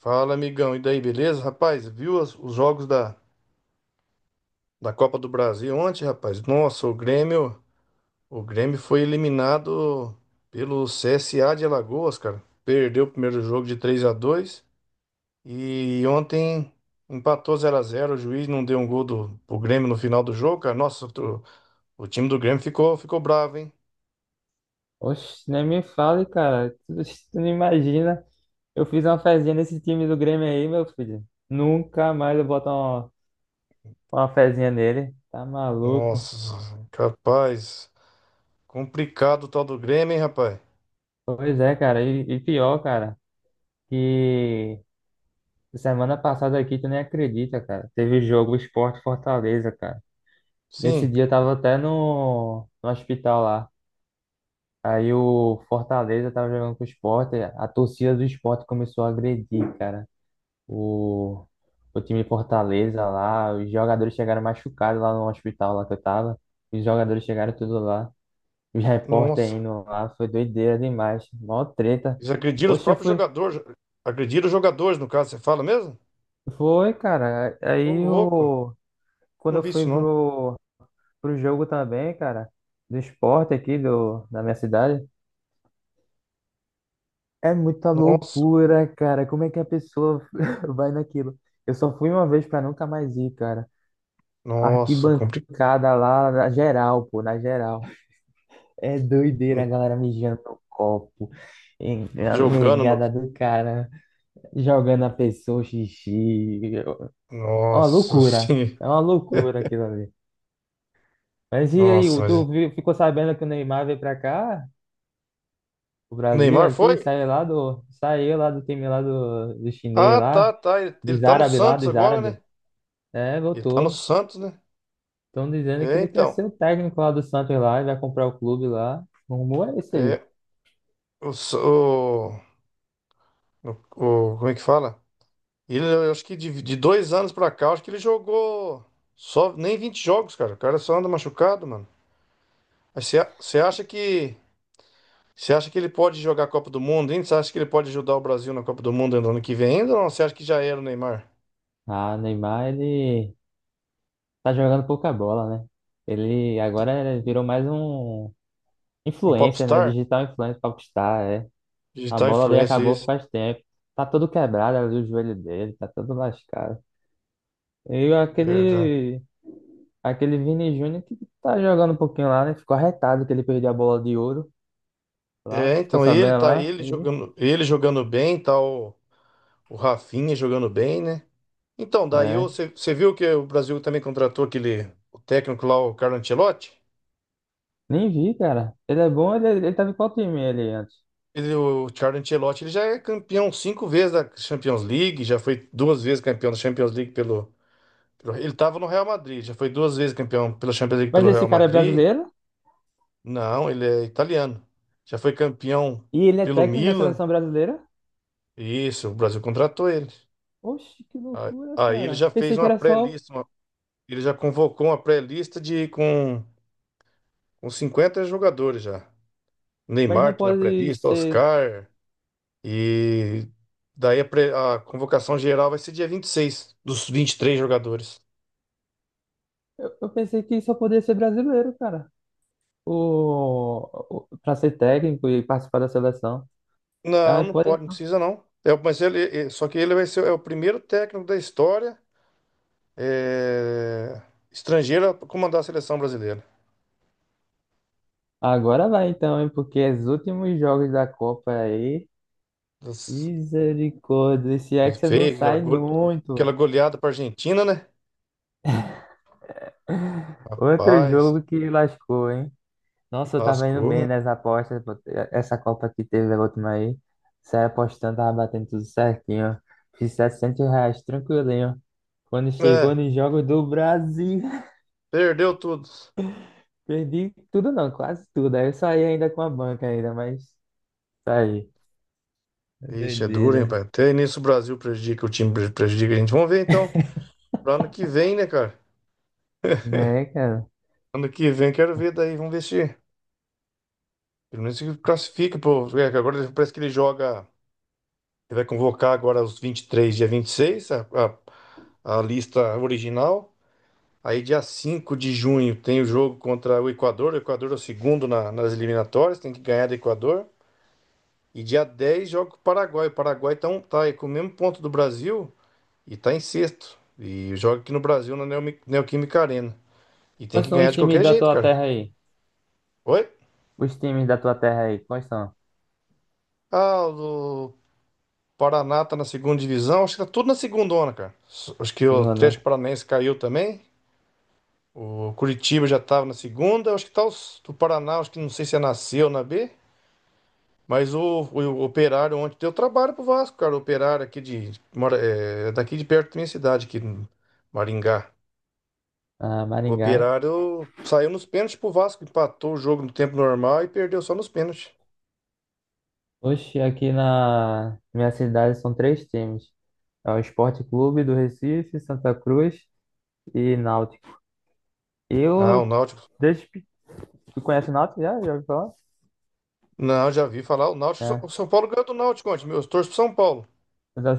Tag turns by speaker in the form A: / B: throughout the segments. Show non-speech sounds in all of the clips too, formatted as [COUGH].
A: Fala, amigão. E daí, beleza? Rapaz, os jogos da Copa do Brasil ontem, rapaz? Nossa, o Grêmio foi eliminado pelo CSA de Alagoas, cara. Perdeu o primeiro jogo de 3 a 2 e ontem empatou 0 a 0, o juiz não deu um gol do pro Grêmio no final do jogo, cara. Nossa, o time do Grêmio ficou bravo, hein?
B: Oxe, nem me fale, cara. Tu não imagina. Eu fiz uma fezinha nesse time do Grêmio aí, meu filho. Nunca mais eu boto uma fezinha nele. Tá maluco?
A: Nossa, capaz. Complicado o tal do Grêmio, hein, rapaz?
B: Pois é, cara. E pior, cara, que semana passada aqui tu nem acredita, cara. Teve jogo Sport Fortaleza, cara. Nesse
A: Sim.
B: dia eu tava até no hospital lá. Aí o Fortaleza tava jogando com o Sport. A torcida do Sport começou a agredir, cara. O, o time de Fortaleza lá, os jogadores chegaram machucados lá no hospital lá que eu tava. Os jogadores chegaram tudo lá. Os repórteres
A: Nossa.
B: indo lá, foi doideira demais. Mó treta.
A: Eles agrediram os
B: Oxe, eu
A: próprios
B: fui.
A: jogadores. Agrediram os jogadores, no caso, você fala mesmo?
B: Foi, cara.
A: Ô,
B: Aí
A: louco.
B: o. Quando
A: Não
B: eu
A: vi
B: fui
A: isso, não.
B: pro jogo também, cara, do esporte aqui da minha cidade, é muita
A: Nossa,
B: loucura, cara. Como é que a pessoa [LAUGHS] vai naquilo? Eu só fui uma vez pra nunca mais ir, cara.
A: nossa, complicado.
B: Arquibancada lá na geral, pô, na geral. É doideira a galera mijando no copo, a
A: Jogando no.
B: negada do cara, jogando a pessoa xixi.
A: Nossa, sim.
B: É uma loucura
A: [LAUGHS]
B: aquilo ali. Mas e aí,
A: Nossa, mas.
B: ficou sabendo que o Neymar veio pra cá, o
A: O
B: Brasil
A: Neymar foi?
B: aqui, saiu lá saiu lá do time lá do chinês
A: Ah,
B: lá,
A: tá, tá. Ele
B: dos
A: tá no
B: árabes lá,
A: Santos
B: dos
A: agora, né?
B: árabes. É,
A: Ele tá no
B: voltou.
A: Santos, né?
B: Estão dizendo que
A: É,
B: ele quer
A: então.
B: ser o técnico lá do Santos lá e vai comprar o clube lá. O rumor é esse aí.
A: É. O, S- o- o- como é que fala? Ele, eu acho que de 2 anos pra cá, eu acho que ele jogou só nem 20 jogos, cara. O cara só anda machucado, mano. Mas você acha que você acha que ele pode jogar a Copa do Mundo ainda? Você acha que ele pode ajudar o Brasil na Copa do Mundo no ano que vem ainda? Ou não? Você acha que já era o Neymar?
B: Ah, Neymar, ele tá jogando pouca bola, né? Ele agora virou mais um
A: Um
B: influencer, né?
A: popstar?
B: Digital influencer popstar, é. A
A: Digital
B: bola ali
A: influencer,
B: acabou
A: isso.
B: faz tempo. Tá todo quebrado ali o joelho dele, tá todo lascado. E
A: Verdade.
B: aquele Vini Júnior que tá jogando um pouquinho lá, né? Ficou arretado que ele perdeu a bola de ouro lá,
A: É,
B: ficou
A: então
B: sabendo lá, ele,
A: ele jogando bem, tá o Rafinha jogando bem, né? Então,
B: né?
A: você viu que o Brasil também contratou aquele o técnico lá, o Carlo Ancelotti?
B: Nem vi, cara. Ele é bom, ele, é, ele tava em qual time ele antes?
A: Ele, o Carlo Ancelotti, ele já é campeão cinco vezes da Champions League, já foi duas vezes campeão da Champions League pelo… Ele estava no Real Madrid, já foi duas vezes campeão pela Champions League
B: Mas
A: pelo
B: esse
A: Real
B: cara é
A: Madrid.
B: brasileiro
A: Não, ele é italiano. Já foi campeão
B: e ele é
A: pelo
B: técnico da
A: Milan.
B: seleção brasileira?
A: Isso, o Brasil contratou ele.
B: Oxe, que loucura,
A: Aí ele já
B: cara.
A: fez
B: Pensei que
A: uma
B: era só,
A: pré-lista, ele já convocou uma pré-lista com 50 jogadores já.
B: mas não
A: Neymar tá na
B: pode
A: pré-lista,
B: ser.
A: Oscar. E daí a convocação geral vai ser dia 26 dos 23 jogadores.
B: Eu pensei que só podia ser brasileiro, cara. Pra ser técnico e participar da seleção.
A: Não,
B: Ah,
A: não
B: pode
A: pode, não
B: então.
A: precisa não. É, mas só que ele vai ser o primeiro técnico da história, é, estrangeiro, a comandar a seleção brasileira.
B: Agora vai então, hein? Porque os últimos jogos da Copa aí.
A: Das-
B: Misericórdia, esse
A: Ele
B: Hexa não
A: fez aquela,
B: sai muito.
A: aquela goleada para Argentina, né?
B: Outro
A: Paz,
B: jogo que lascou, hein? Nossa, eu tava indo
A: lascou, né?
B: bem nas apostas, pô. Essa Copa que teve a última aí. Saí apostando, tava batendo tudo certinho. Fiz 700 reais, tranquilinho. Quando
A: É,
B: chegou nos Jogos do Brasil, [LAUGHS]
A: perdeu tudo.
B: perdi tudo não, quase tudo. Aí eu saí ainda com a banca ainda, mas saí.
A: Ixi, é duro, hein, pai?
B: Doideira.
A: Até nisso o Brasil prejudica, prejudica a gente. Vamos ver então, para ano que vem, né, cara?
B: Né, cara?
A: Ano que vem quero ver daí, vamos ver se pelo menos se classifica, pô. É, que agora parece que ele joga. Ele vai convocar agora os 23, dia 26, a lista original. Aí, dia 5 de junho, tem o jogo contra o Equador. O Equador é o segundo nas eliminatórias, tem que ganhar do Equador. E dia 10 joga com o Paraguai. O Paraguai tá, tá aí com o mesmo ponto do Brasil e tá em sexto. E joga aqui no Brasil, na Neoquímica Arena. E tem
B: Quais
A: que
B: são
A: ganhar
B: os
A: de
B: times
A: qualquer
B: da
A: jeito,
B: tua
A: cara.
B: terra aí?
A: Oi?
B: Os times da tua terra aí, quais são?
A: Ah, o Paraná tá na segunda divisão. Acho que tá tudo na segundona, cara. Acho que o
B: Engano, né?
A: Atlético Paranaense caiu também. O Curitiba já estava na segunda. Acho que tá os, do Paraná, acho que não sei se é nasceu na B. Mas Operário ontem deu trabalho pro Vasco, cara. O Operário aqui de… é daqui de perto da minha cidade, aqui em Maringá.
B: Ah,
A: O
B: Maringá.
A: Operário saiu nos pênaltis pro Vasco, empatou o jogo no tempo normal e perdeu só nos pênaltis.
B: Oxe, aqui na minha cidade são três times. É o Esporte Clube do Recife, Santa Cruz e Náutico.
A: Ah, o
B: Eu,
A: Náutico.
B: desde pe- Tu conhece o Náutico já? Já ouviu falar?
A: Não, já vi falar. O
B: É.
A: Náutico. O São
B: [LAUGHS]
A: Paulo ganhou do Náutico ontem, meu. Eu torço pro São Paulo.
B: Eu já-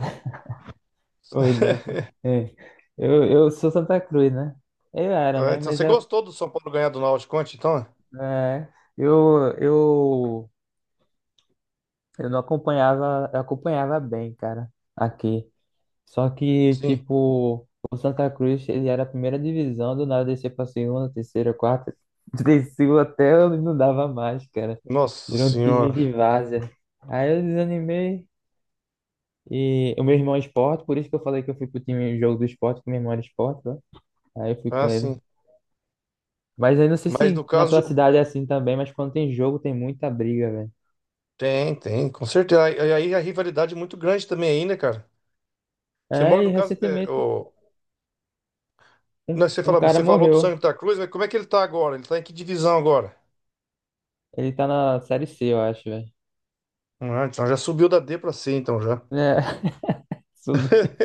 B: Oi, Neto. É. Eu sou Santa Cruz, né? Eu era,
A: Ah,
B: né?
A: então
B: Mas
A: você
B: já,
A: gostou do São Paulo ganhar do Náutico ontem, então?
B: é, eu, eu, eu não acompanhava, eu acompanhava bem, cara, aqui. Só que,
A: Sim.
B: tipo, o Santa Cruz, ele era a primeira divisão, do nada descer pra segunda, terceira, quarta, [LAUGHS] desceu até eu não dava mais, cara.
A: Nossa
B: Virou um time
A: senhora.
B: de várzea. Aí eu desanimei. E o meu irmão é esporte, por isso que eu falei que eu fui pro time jogo do esporte, que meu irmão era esporte, né? Aí eu fui com
A: Ah,
B: ele.
A: sim.
B: Mas aí não sei
A: Mas no
B: se na tua
A: caso…
B: cidade é assim também, mas quando tem jogo tem muita briga, velho.
A: Tem, tem, com certeza. E aí a rivalidade é muito grande também aí, né, cara? Você mora
B: É, e
A: no caso, é,
B: recentemente
A: o… Não,
B: um cara
A: você falou do
B: morreu.
A: Santa Cruz, mas como é que ele tá agora? Ele tá em que divisão agora?
B: Ele tá na série C, eu acho, velho.
A: Ah, então já subiu da D pra C, então já.
B: É, [LAUGHS] subi-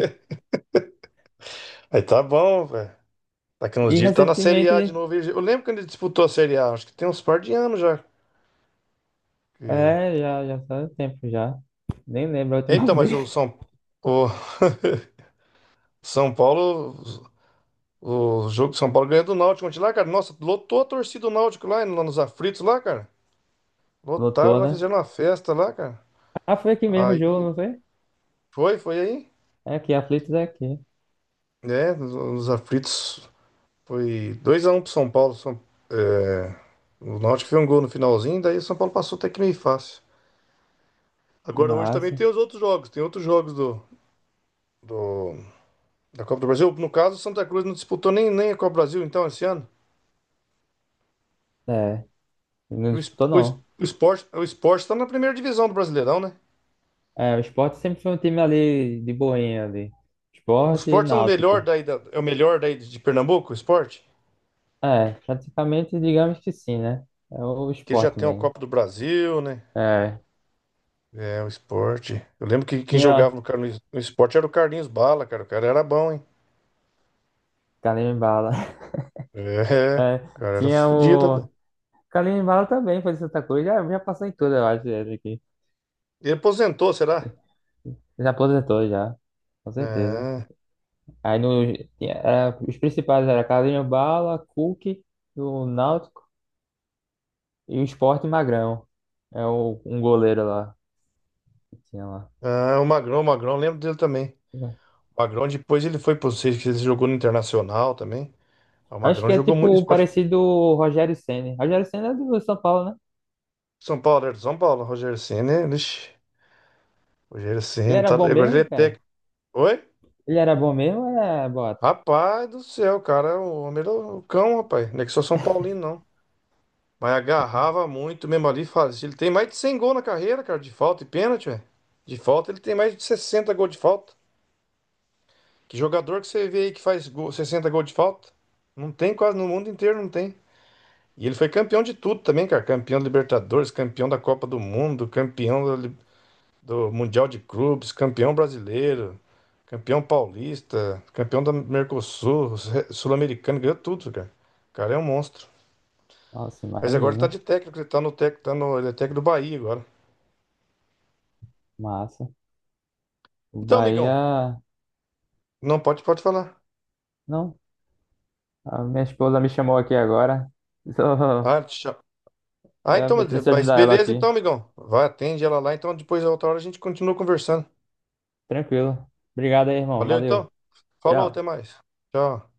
A: Aí tá bom, velho. Daqui uns
B: E
A: dias ele tá na Série A de
B: recentemente.
A: novo. Eu lembro quando ele disputou a Série A, acho que tem uns par de anos já. Que-
B: É, já faz um tempo já. Nem lembro a última [LAUGHS]
A: Então, mas
B: vez.
A: o São Paulo. O jogo de São Paulo ganhou do Náutico ontem lá, cara. Nossa, lotou a torcida do Náutico lá, lá nos aflitos lá, cara. Lotaram
B: Lotou,
A: lá,
B: né?
A: fizeram uma festa lá, cara.
B: Ah, foi aqui mesmo o jogo,
A: Aí
B: não foi?
A: foi aí,
B: É aqui, Aflitos é aqui.
A: né? Nos aflitos foi 2x1 pro São Paulo. É, o Náutico fez um gol no finalzinho, daí o São Paulo passou até que meio fácil. Agora hoje também
B: Massa.
A: tem os outros jogos, tem outros jogos do- da Copa do Brasil. No caso, o Santa Cruz não disputou nem a Copa do Brasil então esse ano.
B: É, não disputou não.
A: O Sport está na primeira divisão do Brasileirão, né?
B: É, o Sport sempre foi um time ali de boinha ali.
A: O
B: Sport e
A: Sport é o melhor
B: Náutico.
A: é o melhor daí de Pernambuco, o Sport,
B: É, praticamente digamos que sim, né? É o
A: que ele já
B: Sport
A: tem a
B: mesmo.
A: Copa do Brasil, né?
B: É,
A: É, o esporte. Eu lembro que quem jogava
B: tinha
A: No esporte era o Carlinhos Bala, cara. O cara era bom, hein?
B: Kalimbala. [LAUGHS]
A: É, o
B: É,
A: cara era
B: tinha
A: fodido,
B: o...
A: velho.
B: Kalimbala também foi de Santa Cruz. Já passou em tudo, eu acho, ele aqui.
A: Ele aposentou, será?
B: Já aposentou já, com certeza.
A: Ah,
B: Aí no, era- os principais eram Carlinhos Bala, Cook, do Náutico e o Sport Magrão. É o, um goleiro lá que tinha lá.
A: ah, o Magrão, eu lembro dele também. O Magrão depois ele foi pro Seis, que ele jogou no Internacional também. Ah, o
B: Acho
A: Magrão
B: que é
A: jogou muito
B: tipo
A: esporte.
B: parecido o Rogério Ceni. Rogério Ceni é do São Paulo, né?
A: São Paulo, era de São Paulo. Rogério Ceni, lixi. Rogério
B: Ele
A: Ceni,
B: era
A: tá…
B: bom
A: agora ele é
B: mesmo, cara?
A: técnico. Oi?
B: Ele era bom mesmo, é, bota.
A: Rapaz do céu, cara, o homem era o cão, rapaz. Não é que sou São Paulino, não. Mas agarrava muito mesmo ali, fazia. Ele tem mais de 100 gols na carreira, cara, de falta e pênalti, velho. De falta, ele tem mais de 60 gols de falta. Que jogador que você vê aí que faz gol, 60 gols de falta? Não tem quase no mundo inteiro, não tem. E ele foi campeão de tudo também, cara. Campeão da Libertadores, campeão da Copa do Mundo, campeão da Li- do, Mundial de Clubes, campeão brasileiro, campeão paulista, campeão da Mercosul, sul-americano, ganhou tudo, cara. O cara é um monstro.
B: Nossa,
A: Mas agora ele tá
B: imagina.
A: de técnico, ele tá no técnico, tá no, ele é técnico do Bahia agora.
B: Massa. O
A: Então, amigão,
B: Bahia.
A: não pode, pode falar.
B: Não, a minha esposa me chamou aqui agora. [LAUGHS] Só-
A: Ah, tchau. Ah, então,
B: Eu preciso
A: mas
B: ajudar ela
A: beleza,
B: aqui.
A: então, amigão. Vai, atende ela lá. Então, depois, outra hora, a gente continua conversando.
B: Tranquilo. Obrigado aí, irmão.
A: Valeu, então.
B: Valeu.
A: Falou, até
B: Tchau.
A: mais. Tchau.